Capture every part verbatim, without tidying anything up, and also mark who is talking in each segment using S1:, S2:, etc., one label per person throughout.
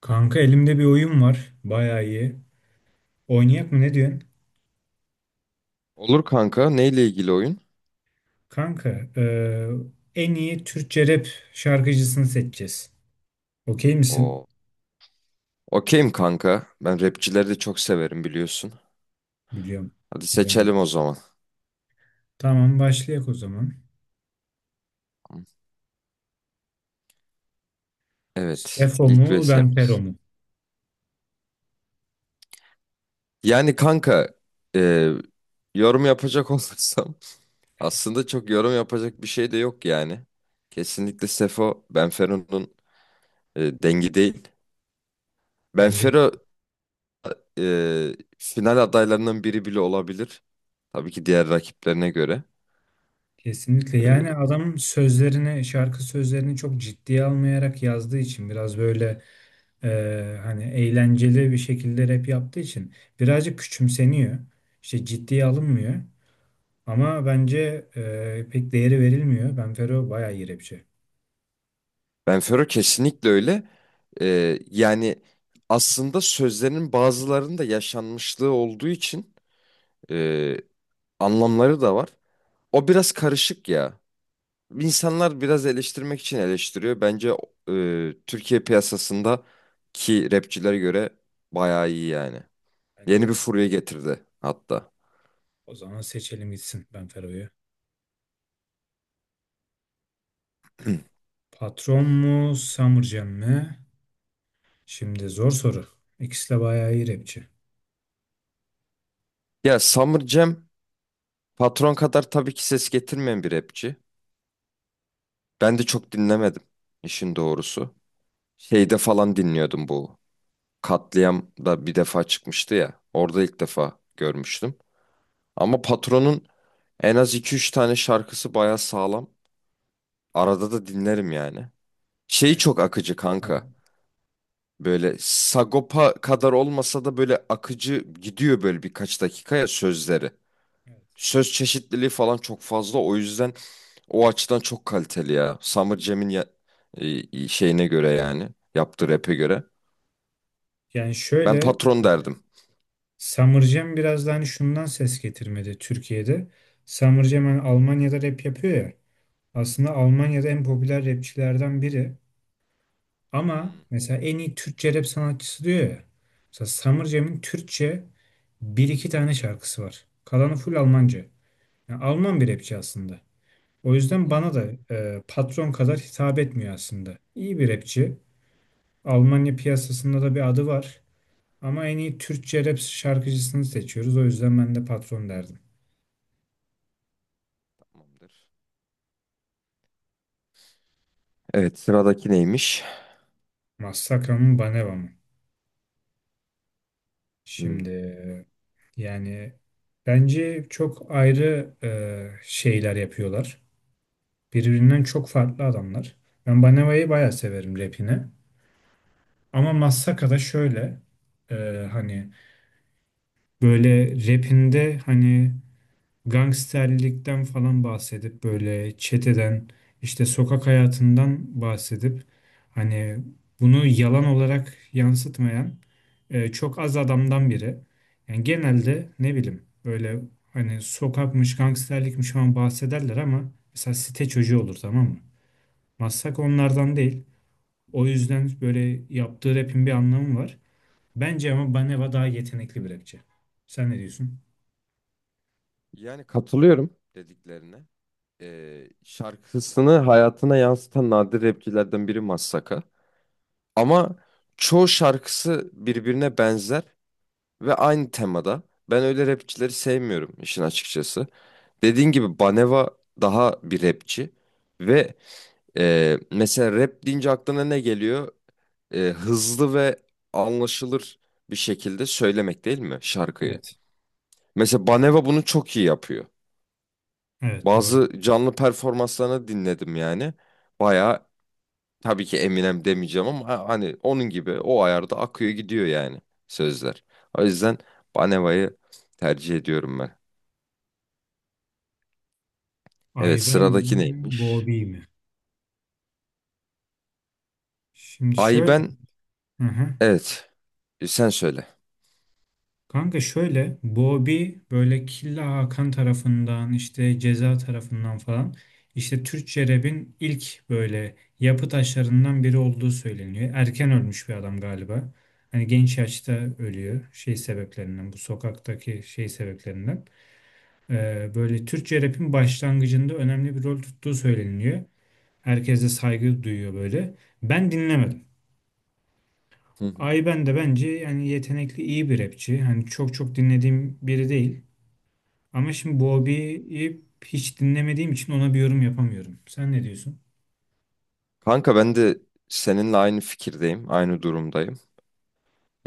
S1: Kanka elimde bir oyun var. Bayağı iyi. Oynayak mı ne diyorsun?
S2: Olur kanka. Neyle ilgili oyun?
S1: Kanka eee, en iyi Türkçe rap şarkıcısını seçeceğiz. Okey misin?
S2: Oo. Okeyim kanka. Ben rapçileri de çok severim biliyorsun.
S1: Biliyorum.
S2: Hadi
S1: Biliyorum.
S2: seçelim
S1: biliyorum.
S2: o zaman.
S1: Tamam başlayak o zaman.
S2: Evet.
S1: Sefo mu
S2: ilk
S1: Benfero
S2: V S'miz.
S1: mu?
S2: Yani kanka e, yorum yapacak olursam aslında çok yorum yapacak bir şey de yok yani. Kesinlikle Sefo Benfero'nun e, dengi değil.
S1: Bence de.
S2: Benfero e, final adaylarından biri bile olabilir. Tabii ki diğer rakiplerine göre.
S1: Kesinlikle. Yani
S2: E,
S1: adam sözlerini, şarkı sözlerini çok ciddiye almayarak yazdığı için biraz böyle eee, hani eğlenceli bir şekilde rap yaptığı için birazcık küçümseniyor. İşte ciddiye alınmıyor. Ama bence e, pek değeri verilmiyor. Benfero bayağı iyi rapçi.
S2: Benfero kesinlikle öyle. Ee, yani aslında sözlerinin bazılarında yaşanmışlığı olduğu için e, anlamları da var. O biraz karışık ya. İnsanlar biraz eleştirmek için eleştiriyor. Bence e, Türkiye piyasasında ki rapçilere göre bayağı iyi yani. Yeni
S1: Bence
S2: bir
S1: de.
S2: furya getirdi hatta.
S1: O zaman seçelim gitsin Benfero'yu. Patron mu, Summerjam mı? Şimdi zor soru. İkisi de bayağı iyi rapçi.
S2: Ya Summer Cem Patron kadar tabii ki ses getirmeyen bir rapçi. Ben de çok dinlemedim işin doğrusu. Şeyde falan dinliyordum bu. Katliam da bir defa çıkmıştı ya. Orada ilk defa görmüştüm. Ama Patron'un en az iki üç tane şarkısı baya sağlam. Arada da dinlerim yani. Şeyi
S1: Yani,
S2: çok akıcı
S1: hı hı,
S2: kanka. Böyle Sagopa kadar olmasa da böyle akıcı gidiyor böyle birkaç dakikaya sözleri.
S1: evet.
S2: Söz çeşitliliği falan çok fazla. O yüzden o açıdan çok kaliteli ya. Summer Jam'in ya- e, şeyine göre yani. Yaptığı rap'e göre.
S1: Yani
S2: Ben
S1: şöyle
S2: patron derdim.
S1: Summerjam biraz da hani şundan ses getirmedi Türkiye'de. Summerjam hani Almanya'da rap yapıyor ya. Aslında Almanya'da en popüler rapçilerden biri. Ama
S2: Hmm.
S1: mesela en iyi Türkçe rap sanatçısı diyor ya. Mesela Summer Türkçe bir iki tane şarkısı var. Kalanı full Almanca. Yani Alman bir rapçi aslında. O yüzden bana
S2: Hmm.
S1: da e, patron kadar hitap etmiyor aslında. İyi bir rapçi. Almanya piyasasında da bir adı var. Ama en iyi Türkçe rap şarkıcısını seçiyoruz. O yüzden ben de patron derdim.
S2: Tamamdır. Evet, sıradaki neymiş?
S1: Massakra mı Baneva mı?
S2: Hmm.
S1: Şimdi e, yani bence çok ayrı e, şeyler yapıyorlar. Birbirinden çok farklı adamlar. Ben Baneva'yı bayağı severim rapini. Ama Massaka'da şöyle e, hani böyle rapinde hani gangsterlikten falan bahsedip böyle çeteden işte sokak hayatından bahsedip hani bunu yalan olarak yansıtmayan e, çok az adamdan biri. Yani genelde ne bileyim böyle hani sokakmış gangsterlikmiş falan bahsederler ama mesela site çocuğu olur tamam mı? Massaka onlardan değil. O yüzden böyle yaptığı rapin bir anlamı var. Bence ama Baneva daha yetenekli bir rapçi. Sen ne diyorsun?
S2: Yani katılıyorum dediklerine. Ee, şarkısını hayatına yansıtan nadir rapçilerden biri Massaka. Ama çoğu şarkısı birbirine benzer ve aynı temada. Ben öyle rapçileri sevmiyorum işin açıkçası. Dediğin gibi Baneva daha bir rapçi. Ve e, mesela rap deyince aklına ne geliyor? E, hızlı ve anlaşılır bir şekilde söylemek değil mi şarkıyı?
S1: Evet.
S2: Mesela Baneva bunu çok iyi yapıyor.
S1: Evet doğru.
S2: Bazı canlı performanslarını dinledim yani. Baya tabii ki Eminem demeyeceğim ama ha- hani onun gibi o ayarda akıyor gidiyor yani sözler. O yüzden Baneva'yı tercih ediyorum ben. Evet
S1: Ayben
S2: sıradaki
S1: mi,
S2: neymiş?
S1: Bobby mi? Şimdi
S2: Ay
S1: şöyle.
S2: ben
S1: Hı hı.
S2: evet, e, sen söyle.
S1: Kanka şöyle Bobby böyle Killa Hakan tarafından işte Ceza tarafından falan işte Türkçe rap'in ilk böyle yapı taşlarından biri olduğu söyleniyor. Erken ölmüş bir adam galiba. Hani genç yaşta ölüyor şey sebeplerinden bu sokaktaki şey sebeplerinden. Ee, böyle Türkçe rap'in başlangıcında önemli bir rol tuttuğu söyleniyor. Herkes de saygı duyuyor böyle. Ben dinlemedim.
S2: Hı hı.
S1: Ayben de bence yani yetenekli iyi bir rapçi. Hani çok çok dinlediğim biri değil. Ama şimdi Bobby'yi hiç dinlemediğim için ona bir yorum yapamıyorum. Sen ne diyorsun?
S2: Kanka ben de seninle aynı fikirdeyim, aynı durumdayım.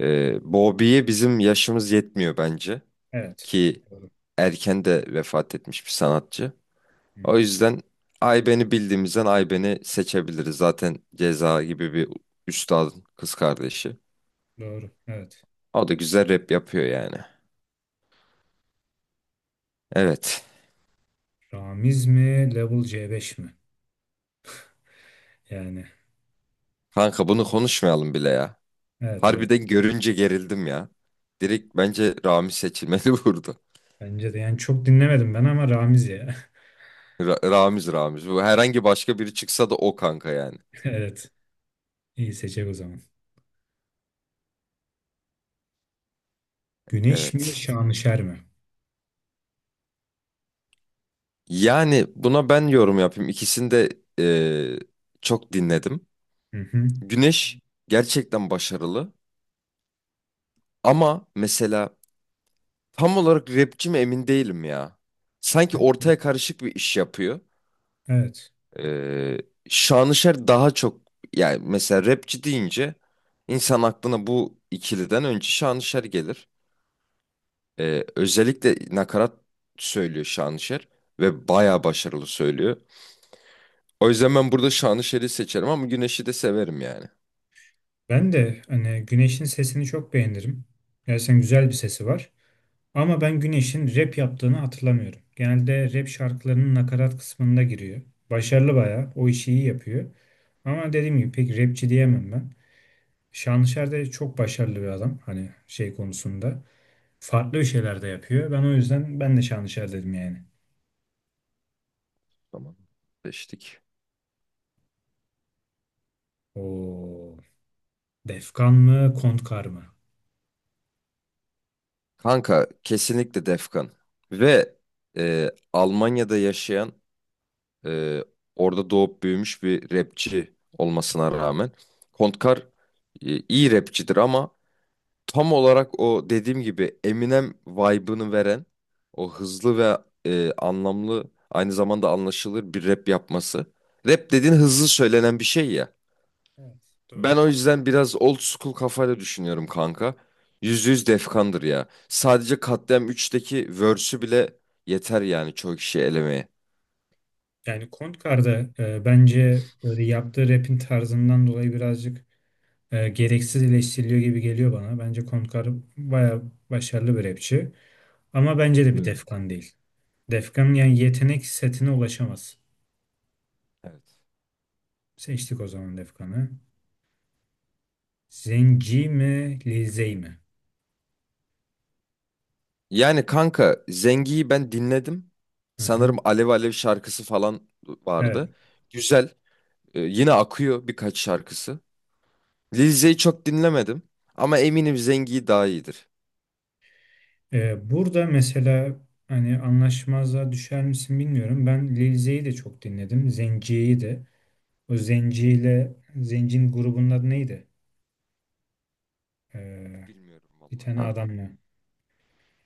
S2: Ee, Bobby'ye bizim yaşımız yetmiyor bence
S1: Evet.
S2: ki
S1: Doğru.
S2: erken de vefat etmiş bir sanatçı.
S1: Hı,
S2: O yüzden Ayben'i bildiğimizden Ayben'i seçebiliriz. Zaten Ceza gibi bir üstadın kız kardeşi.
S1: doğru. Evet.
S2: O da güzel rap yapıyor yani. Evet.
S1: Ramiz mi? Level C beş mi? Yani
S2: Kanka bunu konuşmayalım bile ya.
S1: evet evet.
S2: Harbiden görünce gerildim ya. Direkt bence Ramiz seçilmeli burada.
S1: Bence de yani çok dinlemedim ben ama Ramiz ya.
S2: Ra- Ramiz Ramiz. Bu herhangi başka biri çıksa da o kanka yani.
S1: Evet. İyi seçecek o zaman. Güneş mi?
S2: Evet.
S1: Şanışer mi?
S2: Yani buna ben yorum yapayım. İkisini de eee, çok dinledim.
S1: Hı hı.
S2: Güneş gerçekten başarılı. Ama mesela tam olarak rapçi mi emin değilim ya. Sanki ortaya karışık bir iş yapıyor.
S1: Evet.
S2: Ee, Şanışer daha çok yani mesela rapçi deyince insan aklına bu ikiliden önce Şanışer gelir. Ee, özellikle nakarat söylüyor Şanışer ve bayağı başarılı söylüyor. O yüzden ben burada Şanışer'i seçerim ama Güneş'i de severim yani.
S1: Ben de hani Güneş'in sesini çok beğenirim. Gerçekten güzel bir sesi var. Ama ben Güneş'in rap yaptığını hatırlamıyorum. Genelde rap şarkılarının nakarat kısmında giriyor. Başarılı bayağı. O işi iyi yapıyor. Ama dediğim gibi pek rapçi diyemem ben. Şanlışer de çok başarılı bir adam. Hani şey konusunda. Farklı bir şeyler de yapıyor. Ben o yüzden ben de Şanlışer dedim yani.
S2: Tamam. Seçtik.
S1: O Defkan mı, Kontkar mı?
S2: Kanka kesinlikle Defkan. Ve e, Almanya'da yaşayan, Ee, orada doğup büyümüş bir rapçi olmasına rağmen. Kontkar e, iyi rapçidir ama tam olarak o dediğim gibi Eminem vibe'ını veren o hızlı ve e, anlamlı aynı zamanda anlaşılır bir rap yapması. Rap dediğin hızlı söylenen bir şey ya.
S1: Evet,
S2: Ben
S1: doğru.
S2: o yüzden biraz old school kafayla düşünüyorum kanka. Yüzde yüz Defkan'dır ya. Sadece Katliam üçteki verse'ü bile yeter yani çoğu kişiyi elemeye.
S1: Yani Kontkar'da e, bence böyle yaptığı rap'in tarzından dolayı birazcık e, gereksiz eleştiriliyor gibi geliyor bana. Bence Kontkar baya başarılı bir rapçi. Ama bence de bir
S2: Katılıyorum.
S1: Defkan değil. Defkan yani yetenek setine ulaşamaz.
S2: Evet.
S1: Seçtik o zaman Defkan'ı. Zenci mi, Lizey mi?
S2: Yani kanka Zengi'yi ben dinledim.
S1: Hı
S2: Sanırım
S1: hı.
S2: Alev Alev şarkısı falan
S1: Evet.
S2: vardı. Güzel. Ee, yine akıyor birkaç şarkısı. Lil Zey'i çok dinlemedim. Ama eminim Zengi daha iyidir.
S1: E, burada mesela hani anlaşmazlığa düşer misin bilmiyorum. Ben Lil Zey'i de çok dinledim. Zenci'yi de. O Zenci ile Zenci'nin grubunun adı neydi? Ee,
S2: Bilmiyorum
S1: bir
S2: vallahi
S1: tane
S2: kanka.
S1: adamla.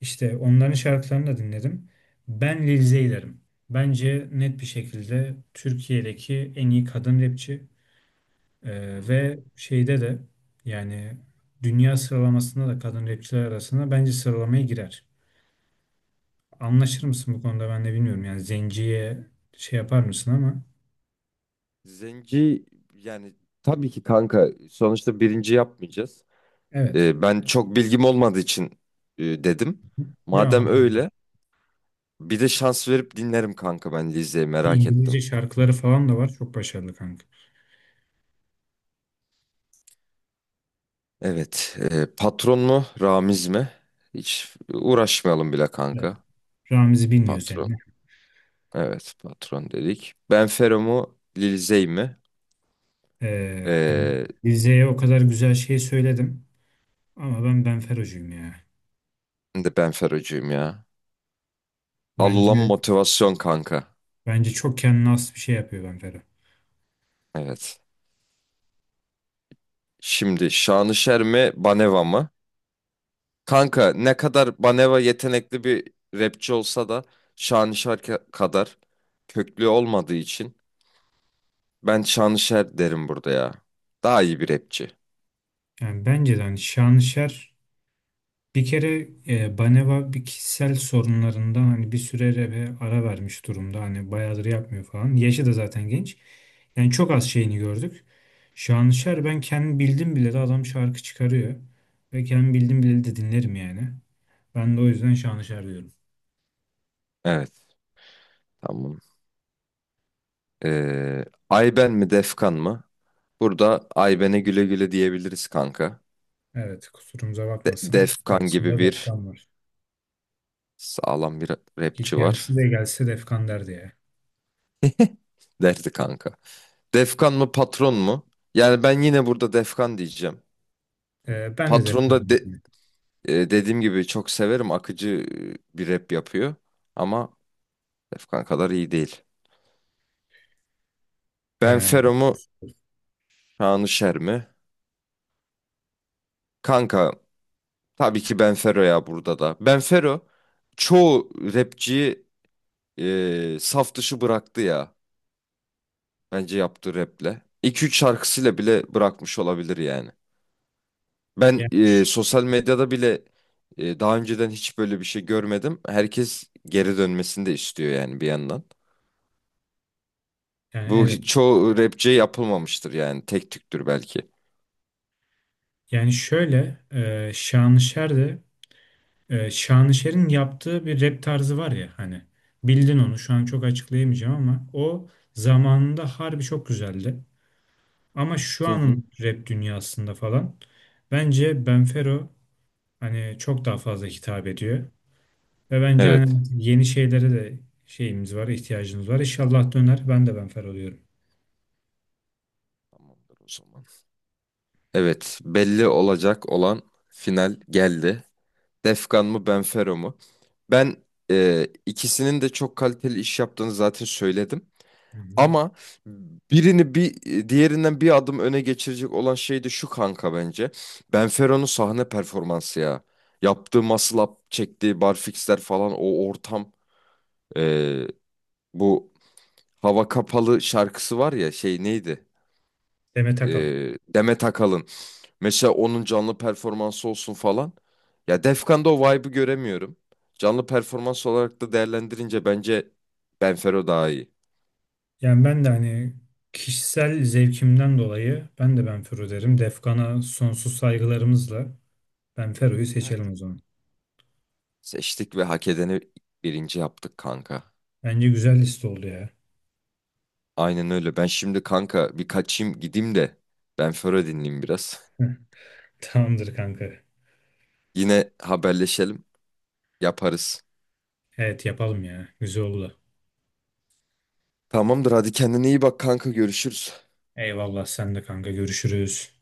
S1: İşte onların şarkılarını da dinledim. Ben Lil Zeyler'im. Bence net bir şekilde Türkiye'deki en iyi kadın rapçi. Ee,
S2: Hmm,
S1: ve şeyde de yani dünya sıralamasında da kadın rapçiler arasında bence sıralamaya girer. Anlaşır
S2: hmm.
S1: mısın bu konuda ben de bilmiyorum. Yani Zenci'ye şey yapar mısın ama
S2: Zengi yani tabii ki kanka sonuçta birinci yapmayacağız.
S1: evet.
S2: Ee, ben çok bilgim olmadığı için e, dedim.
S1: Biliyor
S2: Madem
S1: anladım.
S2: öyle bir de şans verip dinlerim kanka ben Lizeyi. Merak ettim.
S1: İngilizce şarkıları falan da var. Çok başarılı kanka.
S2: Evet. e, patron mu? Ramiz mi? Hiç uğraşmayalım bile
S1: Evet.
S2: kanka.
S1: Ramiz'i bilmiyor sen.
S2: Patron. Evet patron dedik. Benfero mu? Lil Zey mi?
S1: Ee, yani
S2: Ee,
S1: Rize'ye o kadar güzel şey söyledim ama ben Benfero'cuyum ya.
S2: ben de Benferocuyum ya. Al
S1: Bence
S2: ulan motivasyon kanka.
S1: bence çok kendine has bir şey yapıyor Benfero.
S2: Evet. Şimdi Şanışer mi? Baneva mı? Kanka ne kadar Baneva yetenekli bir rapçi olsa da Şanışer ka- kadar köklü olmadığı için ben Şanışer derim burada ya. Daha iyi bir rapçi.
S1: Yani bence de hani Şanışer bir kere e, Baneva bir kişisel sorunlarından hani bir süre re- ara vermiş durumda. Hani bayağıdır yapmıyor falan. Yaşı da zaten genç. Yani çok az şeyini gördük.
S2: Evet.
S1: Şanışer ben kendim bildim bile de adam şarkı çıkarıyor. Ve kendim bildim bile de dinlerim yani. Ben de o yüzden Şanışer diyorum.
S2: Evet. Tamam. Ee, Ayben mi Defkan mı? Burada Ayben'e güle güle diyebiliriz kanka.
S1: Evet, kusurumuza
S2: De-
S1: bakmasın.
S2: Defkan gibi
S1: Karşısında
S2: bir
S1: Defkan var.
S2: sağlam bir
S1: İlk
S2: rapçi
S1: kendisi
S2: var.
S1: de gelse Defkan derdi ya.
S2: Derdi kanka. Defkan mı patron mu? Yani ben yine burada Defkan diyeceğim.
S1: Ee, ben de
S2: Patron
S1: Defkan
S2: da de-
S1: dedim.
S2: e, dediğim gibi çok severim. Akıcı e, bir rap yapıyor. Ama Defkan kadar iyi değil.
S1: Ee,
S2: Benfero mu Şanışer mi? Kanka tabii ki Benfero ya burada da. Benfero çoğu rapçiyi e, saf dışı bıraktı ya. Bence yaptığı raple. İki üç şarkısıyla bile bırakmış olabilir yani. Ben
S1: yani,
S2: e,
S1: ş-
S2: sosyal medyada bile e, daha önceden hiç böyle bir şey görmedim. Herkes geri dönmesini de istiyor yani bir yandan.
S1: yani
S2: Bu
S1: evet.
S2: hiç- çoğu rapçiye yapılmamıştır yani. Tek tüktür belki.
S1: Yani şöyle e, Şanışer de e, Şanışer'in yaptığı bir rap tarzı var ya hani bildin onu şu an çok açıklayamayacağım ama o zamanında harbi çok güzeldi. Ama şu
S2: Hı hı.
S1: anın rap dünyasında falan bence Benfero hani çok daha fazla hitap ediyor. Ve bence
S2: Evet.
S1: hani yeni şeylere de şeyimiz var, ihtiyacımız var. İnşallah döner. Ben de benfer oluyorum.
S2: Tamamdır o zaman. Evet, belli olacak olan final geldi. Defkan mı Benfero mu? Ben e, ikisinin de çok kaliteli iş yaptığını zaten söyledim.
S1: Hı hı.
S2: Ama birini bir diğerinden bir adım öne geçirecek olan şey de şu kanka bence. Benfero'nun sahne performansı ya. Yaptığı muscle up, çektiği barfixler falan o ortam. Ee, bu Hava Kapalı şarkısı var ya şey neydi?
S1: Demet Akalın.
S2: Ee, Demet Akalın. Mesela onun canlı performansı olsun falan. Ya Defkan'da o vibe'ı göremiyorum. Canlı performans olarak da değerlendirince bence Benfero daha iyi.
S1: Yani ben de hani kişisel zevkimden dolayı ben de Benfero derim. Defkan'a sonsuz saygılarımızla Benfero'yu seçelim o zaman.
S2: Seçtik ve hak edeni birinci yaptık kanka.
S1: Bence güzel liste oldu ya.
S2: Aynen öyle. Ben şimdi kanka bir kaçayım gideyim de ben Föro dinleyeyim biraz.
S1: Tamamdır kanka.
S2: Yine haberleşelim. Yaparız.
S1: Evet yapalım ya. Güzel oldu.
S2: Tamamdır hadi kendine iyi bak kanka görüşürüz.
S1: Eyvallah sen de kanka görüşürüz.